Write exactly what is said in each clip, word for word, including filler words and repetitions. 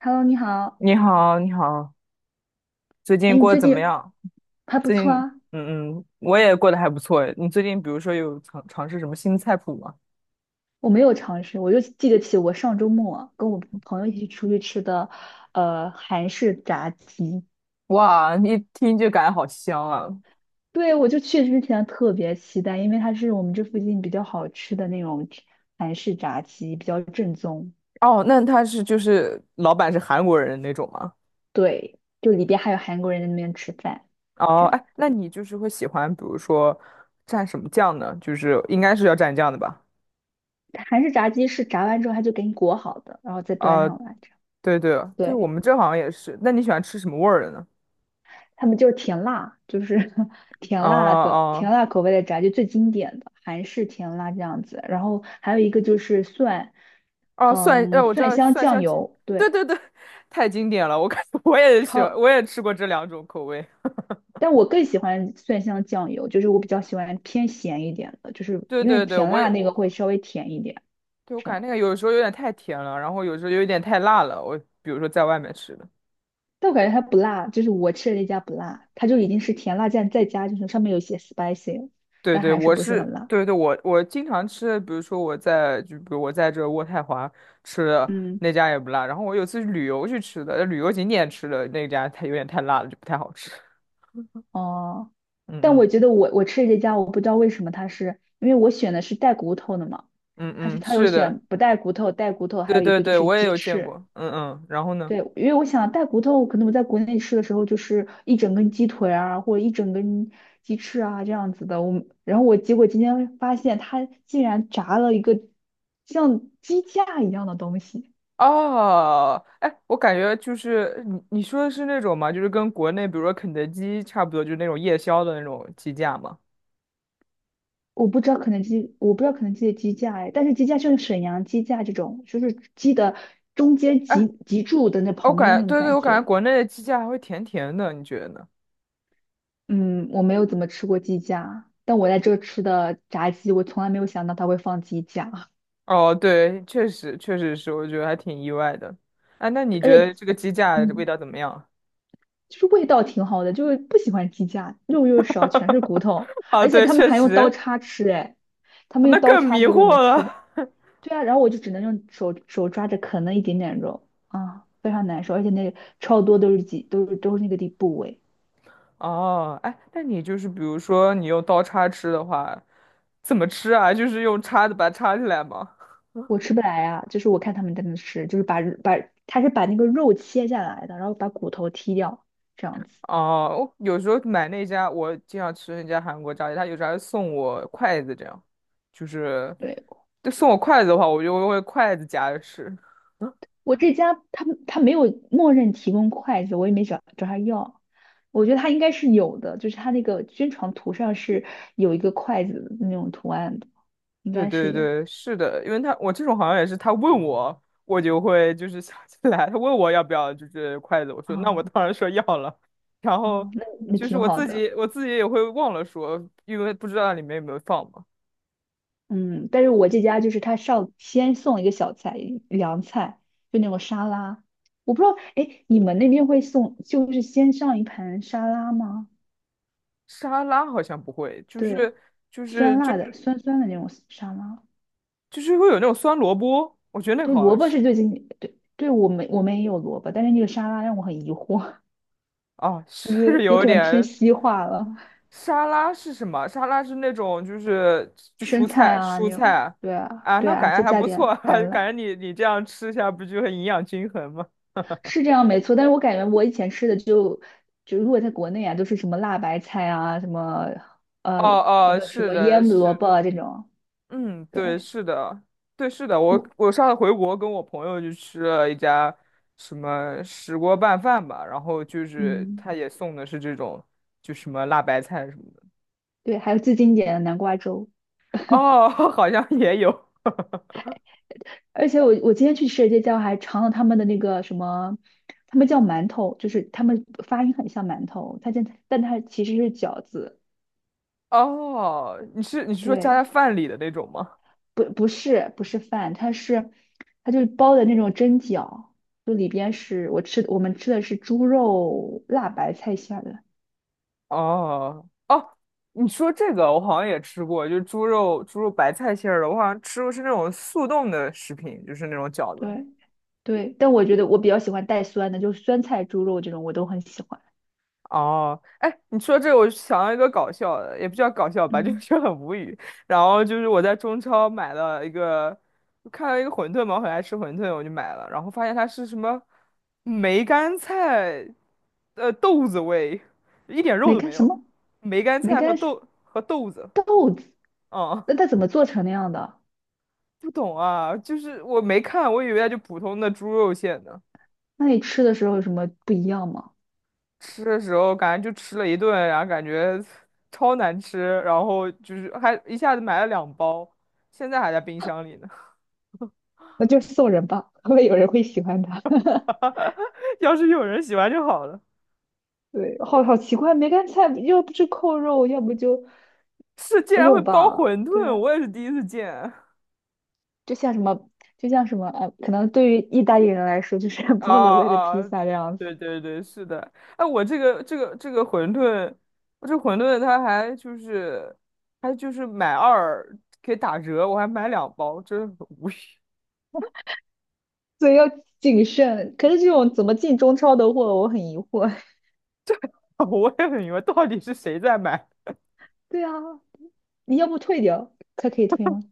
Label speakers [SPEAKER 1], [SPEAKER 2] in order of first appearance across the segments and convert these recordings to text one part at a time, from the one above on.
[SPEAKER 1] Hello，你好。
[SPEAKER 2] 你好，你好，最近
[SPEAKER 1] 哎，你
[SPEAKER 2] 过得
[SPEAKER 1] 最
[SPEAKER 2] 怎么
[SPEAKER 1] 近
[SPEAKER 2] 样？
[SPEAKER 1] 还不
[SPEAKER 2] 最
[SPEAKER 1] 错
[SPEAKER 2] 近，
[SPEAKER 1] 啊。
[SPEAKER 2] 嗯嗯，我也过得还不错诶。你最近比如说有尝尝试什么新菜谱吗？
[SPEAKER 1] 我没有尝试，我就记得起我上周末啊跟我朋友一起出去吃的，呃，韩式炸鸡。
[SPEAKER 2] 哇，一听就感觉好香啊！
[SPEAKER 1] 对，我就去之前特别期待，因为它是我们这附近比较好吃的那种韩式炸鸡，比较正宗。
[SPEAKER 2] 哦，那他是就是老板是韩国人那种吗？
[SPEAKER 1] 对，就里边还有韩国人在那边吃饭，
[SPEAKER 2] 哦，
[SPEAKER 1] 这样。
[SPEAKER 2] 哎，那你就是会喜欢，比如说蘸什么酱呢？就是应该是要蘸酱的吧？
[SPEAKER 1] 韩式炸鸡是炸完之后他就给你裹好的，然后再端
[SPEAKER 2] 啊、
[SPEAKER 1] 上来，这样。
[SPEAKER 2] 对对对，我
[SPEAKER 1] 对。
[SPEAKER 2] 们这好像也是。那你喜欢吃什么味儿的呢？
[SPEAKER 1] 他们就是甜辣，就是 甜
[SPEAKER 2] 啊
[SPEAKER 1] 辣的
[SPEAKER 2] 啊。哦
[SPEAKER 1] 甜辣口味的炸鸡最经典的韩式甜辣这样子。然后还有一个就是蒜，
[SPEAKER 2] 哦，蒜，呃，
[SPEAKER 1] 嗯，
[SPEAKER 2] 我知
[SPEAKER 1] 蒜
[SPEAKER 2] 道
[SPEAKER 1] 香
[SPEAKER 2] 蒜
[SPEAKER 1] 酱
[SPEAKER 2] 香鸡，
[SPEAKER 1] 油，
[SPEAKER 2] 对
[SPEAKER 1] 对，
[SPEAKER 2] 对对，太经典了，我感觉 我也喜欢，
[SPEAKER 1] 超。
[SPEAKER 2] 我也吃过这两种口味。
[SPEAKER 1] 但我更喜欢蒜香酱油，就是我比较喜欢偏咸一点的，就是
[SPEAKER 2] 对
[SPEAKER 1] 因为
[SPEAKER 2] 对对，
[SPEAKER 1] 甜
[SPEAKER 2] 我也
[SPEAKER 1] 辣那个会
[SPEAKER 2] 我，
[SPEAKER 1] 稍微甜一点，
[SPEAKER 2] 对我
[SPEAKER 1] 这
[SPEAKER 2] 感
[SPEAKER 1] 样。
[SPEAKER 2] 觉那个有时候有点太甜了，然后有时候有点太辣了。我比如说在外面吃的，
[SPEAKER 1] 但我感觉它不辣，就是我吃的那家不辣，它就已经是甜辣酱再加，就是上面有一些 spicy，了
[SPEAKER 2] 对
[SPEAKER 1] 但
[SPEAKER 2] 对，
[SPEAKER 1] 还是
[SPEAKER 2] 我
[SPEAKER 1] 不是
[SPEAKER 2] 是
[SPEAKER 1] 很辣。
[SPEAKER 2] 对对，我我经常吃的，比如说我在就比如我在这渥太华吃的
[SPEAKER 1] 嗯。
[SPEAKER 2] 那家也不辣，然后我有次旅游去吃的，旅游景点吃的那家它有点太辣了，就不太好吃。
[SPEAKER 1] 哦，但
[SPEAKER 2] 嗯
[SPEAKER 1] 我
[SPEAKER 2] 嗯
[SPEAKER 1] 觉得我我吃的这家，我不知道为什么它是，因为我选的是带骨头的嘛，
[SPEAKER 2] 嗯
[SPEAKER 1] 它是
[SPEAKER 2] 嗯，
[SPEAKER 1] 它有
[SPEAKER 2] 是的，
[SPEAKER 1] 选不带骨头、带骨头，还
[SPEAKER 2] 对
[SPEAKER 1] 有一
[SPEAKER 2] 对
[SPEAKER 1] 个就
[SPEAKER 2] 对，
[SPEAKER 1] 是
[SPEAKER 2] 我也
[SPEAKER 1] 鸡
[SPEAKER 2] 有见
[SPEAKER 1] 翅。
[SPEAKER 2] 过。嗯嗯，然后呢？
[SPEAKER 1] 对，因为我想带骨头，可能我在国内吃的时候就是一整根鸡腿啊，或者一整根鸡翅啊这样子的。我然后我结果今天发现它竟然炸了一个像鸡架一样的东西。
[SPEAKER 2] 哦，哎，我感觉就是你你说的是那种嘛，就是跟国内比如说肯德基差不多，就是那种夜宵的那种鸡架嘛。
[SPEAKER 1] 我不知道肯德基，我不知道肯德基的鸡架哎，但是鸡架就是沈阳鸡架这种，就是鸡的中间
[SPEAKER 2] 哎，
[SPEAKER 1] 脊脊柱的那
[SPEAKER 2] 我
[SPEAKER 1] 旁边
[SPEAKER 2] 感
[SPEAKER 1] 那
[SPEAKER 2] 觉
[SPEAKER 1] 种
[SPEAKER 2] 对对，
[SPEAKER 1] 感
[SPEAKER 2] 我感觉
[SPEAKER 1] 觉。
[SPEAKER 2] 国内的鸡架还会甜甜的，你觉得呢？
[SPEAKER 1] 嗯，我没有怎么吃过鸡架，但我在这儿吃的炸鸡，我从来没有想到它会放鸡架，
[SPEAKER 2] 哦，对，确实确实是，我觉得还挺意外的。哎，那你觉
[SPEAKER 1] 而且
[SPEAKER 2] 得这个鸡架味
[SPEAKER 1] 嗯，
[SPEAKER 2] 道怎么样？
[SPEAKER 1] 就是味道挺好的，就是不喜欢鸡架，肉又少，全是骨头，
[SPEAKER 2] 啊，
[SPEAKER 1] 而且
[SPEAKER 2] 对，
[SPEAKER 1] 他们
[SPEAKER 2] 确
[SPEAKER 1] 还用刀
[SPEAKER 2] 实，
[SPEAKER 1] 叉吃哎，他们
[SPEAKER 2] 那
[SPEAKER 1] 用刀
[SPEAKER 2] 更
[SPEAKER 1] 叉
[SPEAKER 2] 迷
[SPEAKER 1] 给我
[SPEAKER 2] 惑
[SPEAKER 1] 们吃的。
[SPEAKER 2] 了。
[SPEAKER 1] 对啊，然后我就只能用手手抓着啃那一点点肉，啊，非常难受，而且那个超多都是几都是都是那个地部位，
[SPEAKER 2] 哦，哎，那你就是比如说你用刀叉吃的话，怎么吃啊？就是用叉子把它叉起来吗？
[SPEAKER 1] 我吃不来啊。就是我看他们在那吃，就是把把他是把那个肉切下来的，然后把骨头剔掉这样子。
[SPEAKER 2] 哦，我有时候买那家，我经常吃那家韩国炸鸡，他有时候还送我筷子，这样，就是，
[SPEAKER 1] 对，
[SPEAKER 2] 就送我筷子的话，我就会筷子夹着吃。
[SPEAKER 1] 我这家他们他没有默认提供筷子，我也没找找他要。我觉得他应该是有的，就是他那个宣传图上是有一个筷子的那种图案的，应
[SPEAKER 2] 对
[SPEAKER 1] 该是
[SPEAKER 2] 对
[SPEAKER 1] 有。
[SPEAKER 2] 对，是的，因为他我这种好像也是，他问我，我就会就是想起来，他问我要不要就是筷子，我说那我
[SPEAKER 1] 啊
[SPEAKER 2] 当然说要了，然
[SPEAKER 1] 啊，
[SPEAKER 2] 后
[SPEAKER 1] 那那
[SPEAKER 2] 就是
[SPEAKER 1] 挺
[SPEAKER 2] 我
[SPEAKER 1] 好
[SPEAKER 2] 自
[SPEAKER 1] 的。
[SPEAKER 2] 己我自己也会忘了说，因为不知道里面有没有放嘛。
[SPEAKER 1] 嗯，但是我这家就是他上先送一个小菜，凉菜，就那种沙拉。我不知道，哎，你们那边会送，就是先上一盘沙拉吗？
[SPEAKER 2] 沙拉好像不会，就
[SPEAKER 1] 对，
[SPEAKER 2] 是就是
[SPEAKER 1] 酸
[SPEAKER 2] 就
[SPEAKER 1] 辣的，
[SPEAKER 2] 是
[SPEAKER 1] 酸酸的那种沙拉。
[SPEAKER 2] 就是会有那种酸萝卜，我觉得那个
[SPEAKER 1] 对，
[SPEAKER 2] 好好
[SPEAKER 1] 萝卜
[SPEAKER 2] 吃。
[SPEAKER 1] 是最近，对，对我们我们也有萝卜，但是那个沙拉让我很疑惑，
[SPEAKER 2] 哦，
[SPEAKER 1] 对，觉
[SPEAKER 2] 是
[SPEAKER 1] 得有
[SPEAKER 2] 有
[SPEAKER 1] 可能偏
[SPEAKER 2] 点
[SPEAKER 1] 西化了，
[SPEAKER 2] 沙拉是什么？沙拉是那种就是就
[SPEAKER 1] 生
[SPEAKER 2] 蔬
[SPEAKER 1] 菜
[SPEAKER 2] 菜
[SPEAKER 1] 啊
[SPEAKER 2] 蔬
[SPEAKER 1] 那种。
[SPEAKER 2] 菜
[SPEAKER 1] 对啊，
[SPEAKER 2] 啊，
[SPEAKER 1] 对
[SPEAKER 2] 那
[SPEAKER 1] 啊，
[SPEAKER 2] 感
[SPEAKER 1] 再
[SPEAKER 2] 觉还
[SPEAKER 1] 加
[SPEAKER 2] 不
[SPEAKER 1] 点
[SPEAKER 2] 错，
[SPEAKER 1] 橄
[SPEAKER 2] 感
[SPEAKER 1] 榄，
[SPEAKER 2] 觉你你这样吃下不就很营养均衡吗？
[SPEAKER 1] 是这样没错，但是我感觉我以前吃的就就如果在国内啊，都是什么辣白菜啊，什么呃
[SPEAKER 2] 哦
[SPEAKER 1] 那
[SPEAKER 2] 哦，
[SPEAKER 1] 个什
[SPEAKER 2] 是
[SPEAKER 1] 么
[SPEAKER 2] 的，
[SPEAKER 1] 腌萝
[SPEAKER 2] 是
[SPEAKER 1] 卜
[SPEAKER 2] 的，
[SPEAKER 1] 啊这种，
[SPEAKER 2] 嗯，对，
[SPEAKER 1] 对，
[SPEAKER 2] 是的，对，是的，我我上次回国跟我朋友去吃了一家什么石锅拌饭吧，然后就是
[SPEAKER 1] 嗯，
[SPEAKER 2] 他也送的是这种就什么辣白菜什么的，
[SPEAKER 1] 对，还有最经典的南瓜粥。
[SPEAKER 2] 哦，好像也有，
[SPEAKER 1] 而且我我今天去吃的这家还尝了他们的那个什么，他们叫馒头，就是他们发音很像馒头，它但但它其实是饺子，
[SPEAKER 2] 哦，你是你是说加在
[SPEAKER 1] 对。
[SPEAKER 2] 饭里的那种吗？
[SPEAKER 1] 不不是不是饭，它是它就是包的那种蒸饺，就里边是我吃我们吃的是猪肉辣白菜馅儿的，
[SPEAKER 2] 哦哦，你说这个我好像也吃过，就是猪肉猪肉白菜馅儿的，我好像吃过是那种速冻的食品，就是那种饺子。
[SPEAKER 1] 对对，但我觉得我比较喜欢带酸的，就是酸菜猪肉这种我都很喜欢。
[SPEAKER 2] 哦，哎，你说这个我想到一个搞笑的，也不叫搞笑吧，就
[SPEAKER 1] 嗯，
[SPEAKER 2] 是很无语。然后就是我在中超买了一个，看到一个馄饨嘛，我很爱吃馄饨，我就买了，然后发现它是什么梅干菜，呃，豆子味，一点肉
[SPEAKER 1] 梅
[SPEAKER 2] 都
[SPEAKER 1] 干
[SPEAKER 2] 没
[SPEAKER 1] 什
[SPEAKER 2] 有，
[SPEAKER 1] 么？
[SPEAKER 2] 梅干
[SPEAKER 1] 梅
[SPEAKER 2] 菜和
[SPEAKER 1] 干是
[SPEAKER 2] 豆和豆子，
[SPEAKER 1] 豆子，
[SPEAKER 2] 嗯
[SPEAKER 1] 那它怎么做成那样的？
[SPEAKER 2] 不懂啊，就是我没看，我以为它就普通的猪肉馅呢。
[SPEAKER 1] 那你吃的时候有什么不一样吗？
[SPEAKER 2] 吃的时候感觉就吃了一顿，然后感觉 超难吃，然后就是还一下子买了两包，现在还在冰箱里呢。
[SPEAKER 1] 那就送人吧，会不会有人会喜欢它？
[SPEAKER 2] 要是有人喜欢就好了。
[SPEAKER 1] 对，好好奇怪，梅干菜要不就扣肉，要不就
[SPEAKER 2] 是，竟然会
[SPEAKER 1] 肉
[SPEAKER 2] 包
[SPEAKER 1] 吧，
[SPEAKER 2] 馄饨，
[SPEAKER 1] 对。
[SPEAKER 2] 我也是第一次见。
[SPEAKER 1] 就像什么，就像什么，呃，可能对于意大利人来说，就是
[SPEAKER 2] 啊
[SPEAKER 1] 菠萝味的披
[SPEAKER 2] 啊，
[SPEAKER 1] 萨这样子，
[SPEAKER 2] 对对对，是的。哎，我这个这个这个馄饨，我这馄饨它还就是还就是买二可以打折，我还买两包，真的很无语。
[SPEAKER 1] 所以要谨慎。可是这种怎么进中超的货，我很疑惑。
[SPEAKER 2] 我也很疑惑，到底是谁在买？
[SPEAKER 1] 对啊，你要不退掉，它可以退吗？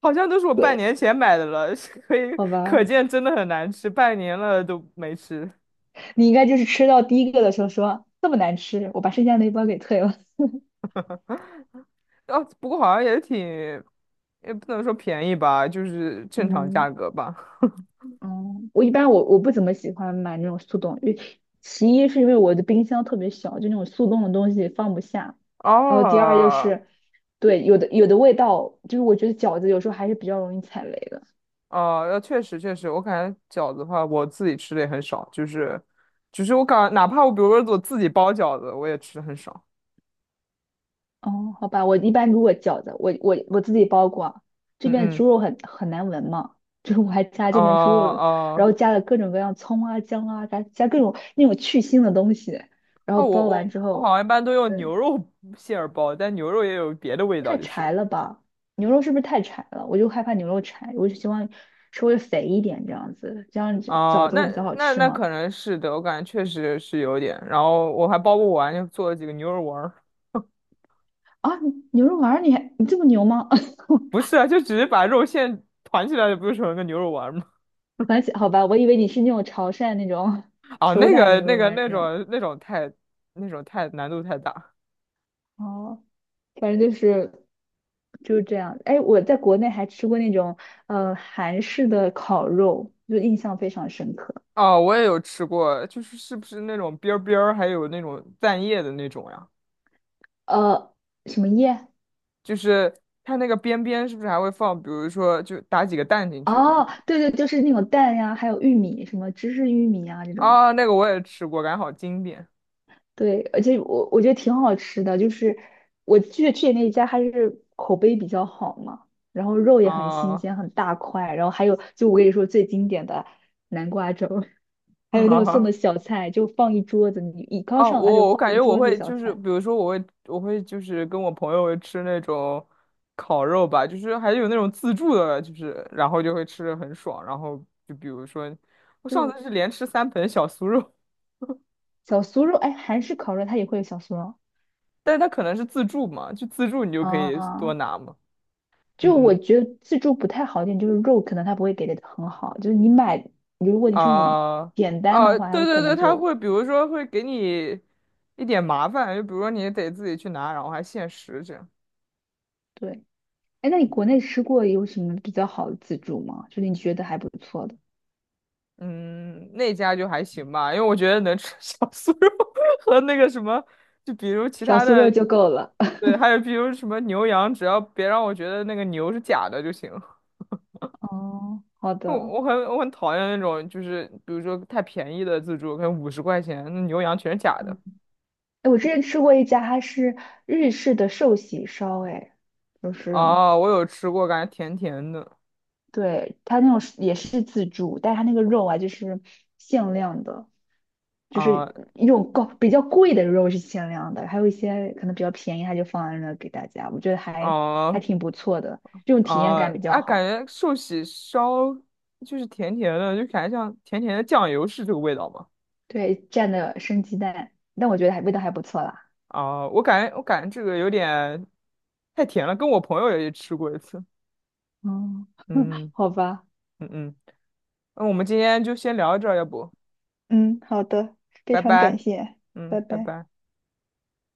[SPEAKER 2] 好像都是我半
[SPEAKER 1] 对，
[SPEAKER 2] 年前买的了，是可以
[SPEAKER 1] 好
[SPEAKER 2] 可
[SPEAKER 1] 吧，
[SPEAKER 2] 见真的很难吃，半年了都没吃。
[SPEAKER 1] 你应该就是吃到第一个的时候说这么难吃，我把剩下那一包给退了。
[SPEAKER 2] 哦，不过好像也挺，也不能说便宜吧，就是正常价
[SPEAKER 1] 嗯，
[SPEAKER 2] 格吧。
[SPEAKER 1] 嗯，我一般我我不怎么喜欢买那种速冻，因为其一是因为我的冰箱特别小，就那种速冻的东西放不下，然后第二就
[SPEAKER 2] 哦，
[SPEAKER 1] 是，对，有的有的味道，就是我觉得饺子有时候还是比较容易踩雷的。
[SPEAKER 2] 哦，呃确实确实，我感觉饺子的话，我自己吃的也很少，就是，就是我感，哪怕我比如说我自己包饺子，我也吃的很少。
[SPEAKER 1] 哦，好吧，我一般如果饺子，我我我自己包过啊，这
[SPEAKER 2] 嗯
[SPEAKER 1] 边
[SPEAKER 2] 嗯，
[SPEAKER 1] 猪肉很很难闻嘛，就是我还加
[SPEAKER 2] 哦
[SPEAKER 1] 这边猪肉，然
[SPEAKER 2] 哦
[SPEAKER 1] 后加了各种各样葱啊、姜啊，加加各种那种去腥的东西，然后
[SPEAKER 2] 啊，我
[SPEAKER 1] 包完
[SPEAKER 2] 我
[SPEAKER 1] 之
[SPEAKER 2] 我好
[SPEAKER 1] 后，
[SPEAKER 2] 像一般都用牛
[SPEAKER 1] 对。
[SPEAKER 2] 肉 馅儿包，但牛肉也有别的味道
[SPEAKER 1] 太
[SPEAKER 2] 就是
[SPEAKER 1] 柴
[SPEAKER 2] 了。
[SPEAKER 1] 了吧？牛肉是不是太柴了？我就害怕牛肉柴，我就希望稍微肥一点这样子，这样子
[SPEAKER 2] 啊、
[SPEAKER 1] 饺子会
[SPEAKER 2] 那
[SPEAKER 1] 比较好
[SPEAKER 2] 那
[SPEAKER 1] 吃
[SPEAKER 2] 那
[SPEAKER 1] 嘛。
[SPEAKER 2] 可能是的，我感觉确实是有点。然后我还包不完，就做了几个牛肉丸儿。
[SPEAKER 1] 啊，牛肉丸儿你还你这么牛吗？
[SPEAKER 2] 不是啊，就只是把肉馅团起来，不就成了个牛肉丸儿吗？
[SPEAKER 1] 反正好吧，我以为你是那种潮汕那种
[SPEAKER 2] 啊，
[SPEAKER 1] 手
[SPEAKER 2] 那
[SPEAKER 1] 打
[SPEAKER 2] 个
[SPEAKER 1] 牛
[SPEAKER 2] 那
[SPEAKER 1] 肉
[SPEAKER 2] 个
[SPEAKER 1] 丸
[SPEAKER 2] 那
[SPEAKER 1] 那种。
[SPEAKER 2] 种那种太那种太难度太大。
[SPEAKER 1] 哦，反正就是就是这样。哎，我在国内还吃过那种呃韩式的烤肉，就印象非常深刻。
[SPEAKER 2] 哦，我也有吃过，就是是不是那种边儿边儿，还有那种蛋液的那种呀？
[SPEAKER 1] 呃，什么叶？
[SPEAKER 2] 就是它那个边边是不是还会放，比如说就打几个蛋进去这样？
[SPEAKER 1] 哦，对对，就是那种蛋呀，还有玉米，什么芝士玉米啊这种。
[SPEAKER 2] 啊，那个我也吃过，感觉好经典
[SPEAKER 1] 对，而且我我觉得挺好吃的，就是我去去的那一家还是口碑比较好嘛，然后肉也很新
[SPEAKER 2] 啊！
[SPEAKER 1] 鲜，很大块，然后还有就我跟你说最经典的南瓜粥，还有那种送
[SPEAKER 2] 哦，
[SPEAKER 1] 的小菜，就放一桌子，你一刚
[SPEAKER 2] 啊
[SPEAKER 1] 上来就
[SPEAKER 2] 我我
[SPEAKER 1] 放
[SPEAKER 2] 感
[SPEAKER 1] 一
[SPEAKER 2] 觉我
[SPEAKER 1] 桌子
[SPEAKER 2] 会
[SPEAKER 1] 小
[SPEAKER 2] 就是，
[SPEAKER 1] 菜。
[SPEAKER 2] 比如说我会我会就是跟我朋友吃那种烤肉吧，就是还有那种自助的，就是然后就会吃的很爽。然后就比如说，我上
[SPEAKER 1] 对，
[SPEAKER 2] 次是连吃三盆小酥肉，
[SPEAKER 1] 小酥肉，哎，韩式烤肉它也会有小酥肉
[SPEAKER 2] 但是它可能是自助嘛，就自助你就可以多
[SPEAKER 1] 啊。
[SPEAKER 2] 拿嘛。嗯
[SPEAKER 1] 就我
[SPEAKER 2] 嗯
[SPEAKER 1] 觉得自助不太好一点，就是肉可能它不会给的很好，就是你买，如果你是那种
[SPEAKER 2] 啊
[SPEAKER 1] 简单的
[SPEAKER 2] 啊，
[SPEAKER 1] 话，
[SPEAKER 2] 对
[SPEAKER 1] 我
[SPEAKER 2] 对
[SPEAKER 1] 可能
[SPEAKER 2] 对，他
[SPEAKER 1] 就
[SPEAKER 2] 会比如说会给你一点麻烦，就比如说你得自己去拿，然后还限时这样。
[SPEAKER 1] 对。哎，那你国内吃过有什么比较好的自助吗？就是你觉得还不错的。
[SPEAKER 2] 嗯，那家就还行吧，因为我觉得能吃 小酥肉和那个什么，就比如其
[SPEAKER 1] 小
[SPEAKER 2] 他
[SPEAKER 1] 酥肉
[SPEAKER 2] 的，
[SPEAKER 1] 就够了。
[SPEAKER 2] 对，还有比如什么牛羊，只要别让我觉得那个牛是假的就行。
[SPEAKER 1] 哦，好
[SPEAKER 2] 我
[SPEAKER 1] 的。
[SPEAKER 2] 我很我很讨厌那种，就是比如说太便宜的自助，可能五十块钱，那牛羊全是假的。
[SPEAKER 1] 嗯，哎，我之前吃过一家，它是日式的寿喜烧，哎，就是
[SPEAKER 2] 哦，我有吃过，感觉甜甜的。
[SPEAKER 1] 对它那种是也是自助，但是它那个肉啊，就是限量的，就是
[SPEAKER 2] 啊
[SPEAKER 1] 一种高比较贵的肉是限量的，还有一些可能比较便宜，它就放在那给大家，我觉得还还
[SPEAKER 2] 啊
[SPEAKER 1] 挺不错的，这种体验
[SPEAKER 2] 啊！
[SPEAKER 1] 感比较
[SPEAKER 2] 哎，感
[SPEAKER 1] 好。
[SPEAKER 2] 觉寿喜烧就是甜甜的，就感觉像甜甜的酱油，是这个味道吗？
[SPEAKER 1] 对，蘸的生鸡蛋，但我觉得还味道还不错啦。
[SPEAKER 2] 啊，我感觉我感觉这个有点太甜了，跟我朋友也吃过一次。
[SPEAKER 1] 嗯，
[SPEAKER 2] 嗯
[SPEAKER 1] 好吧，
[SPEAKER 2] 嗯嗯，那我们今天就先聊到这儿，要不，
[SPEAKER 1] 嗯，好的，非
[SPEAKER 2] 拜
[SPEAKER 1] 常
[SPEAKER 2] 拜。
[SPEAKER 1] 感谢，
[SPEAKER 2] 嗯，
[SPEAKER 1] 拜
[SPEAKER 2] 拜
[SPEAKER 1] 拜。
[SPEAKER 2] 拜。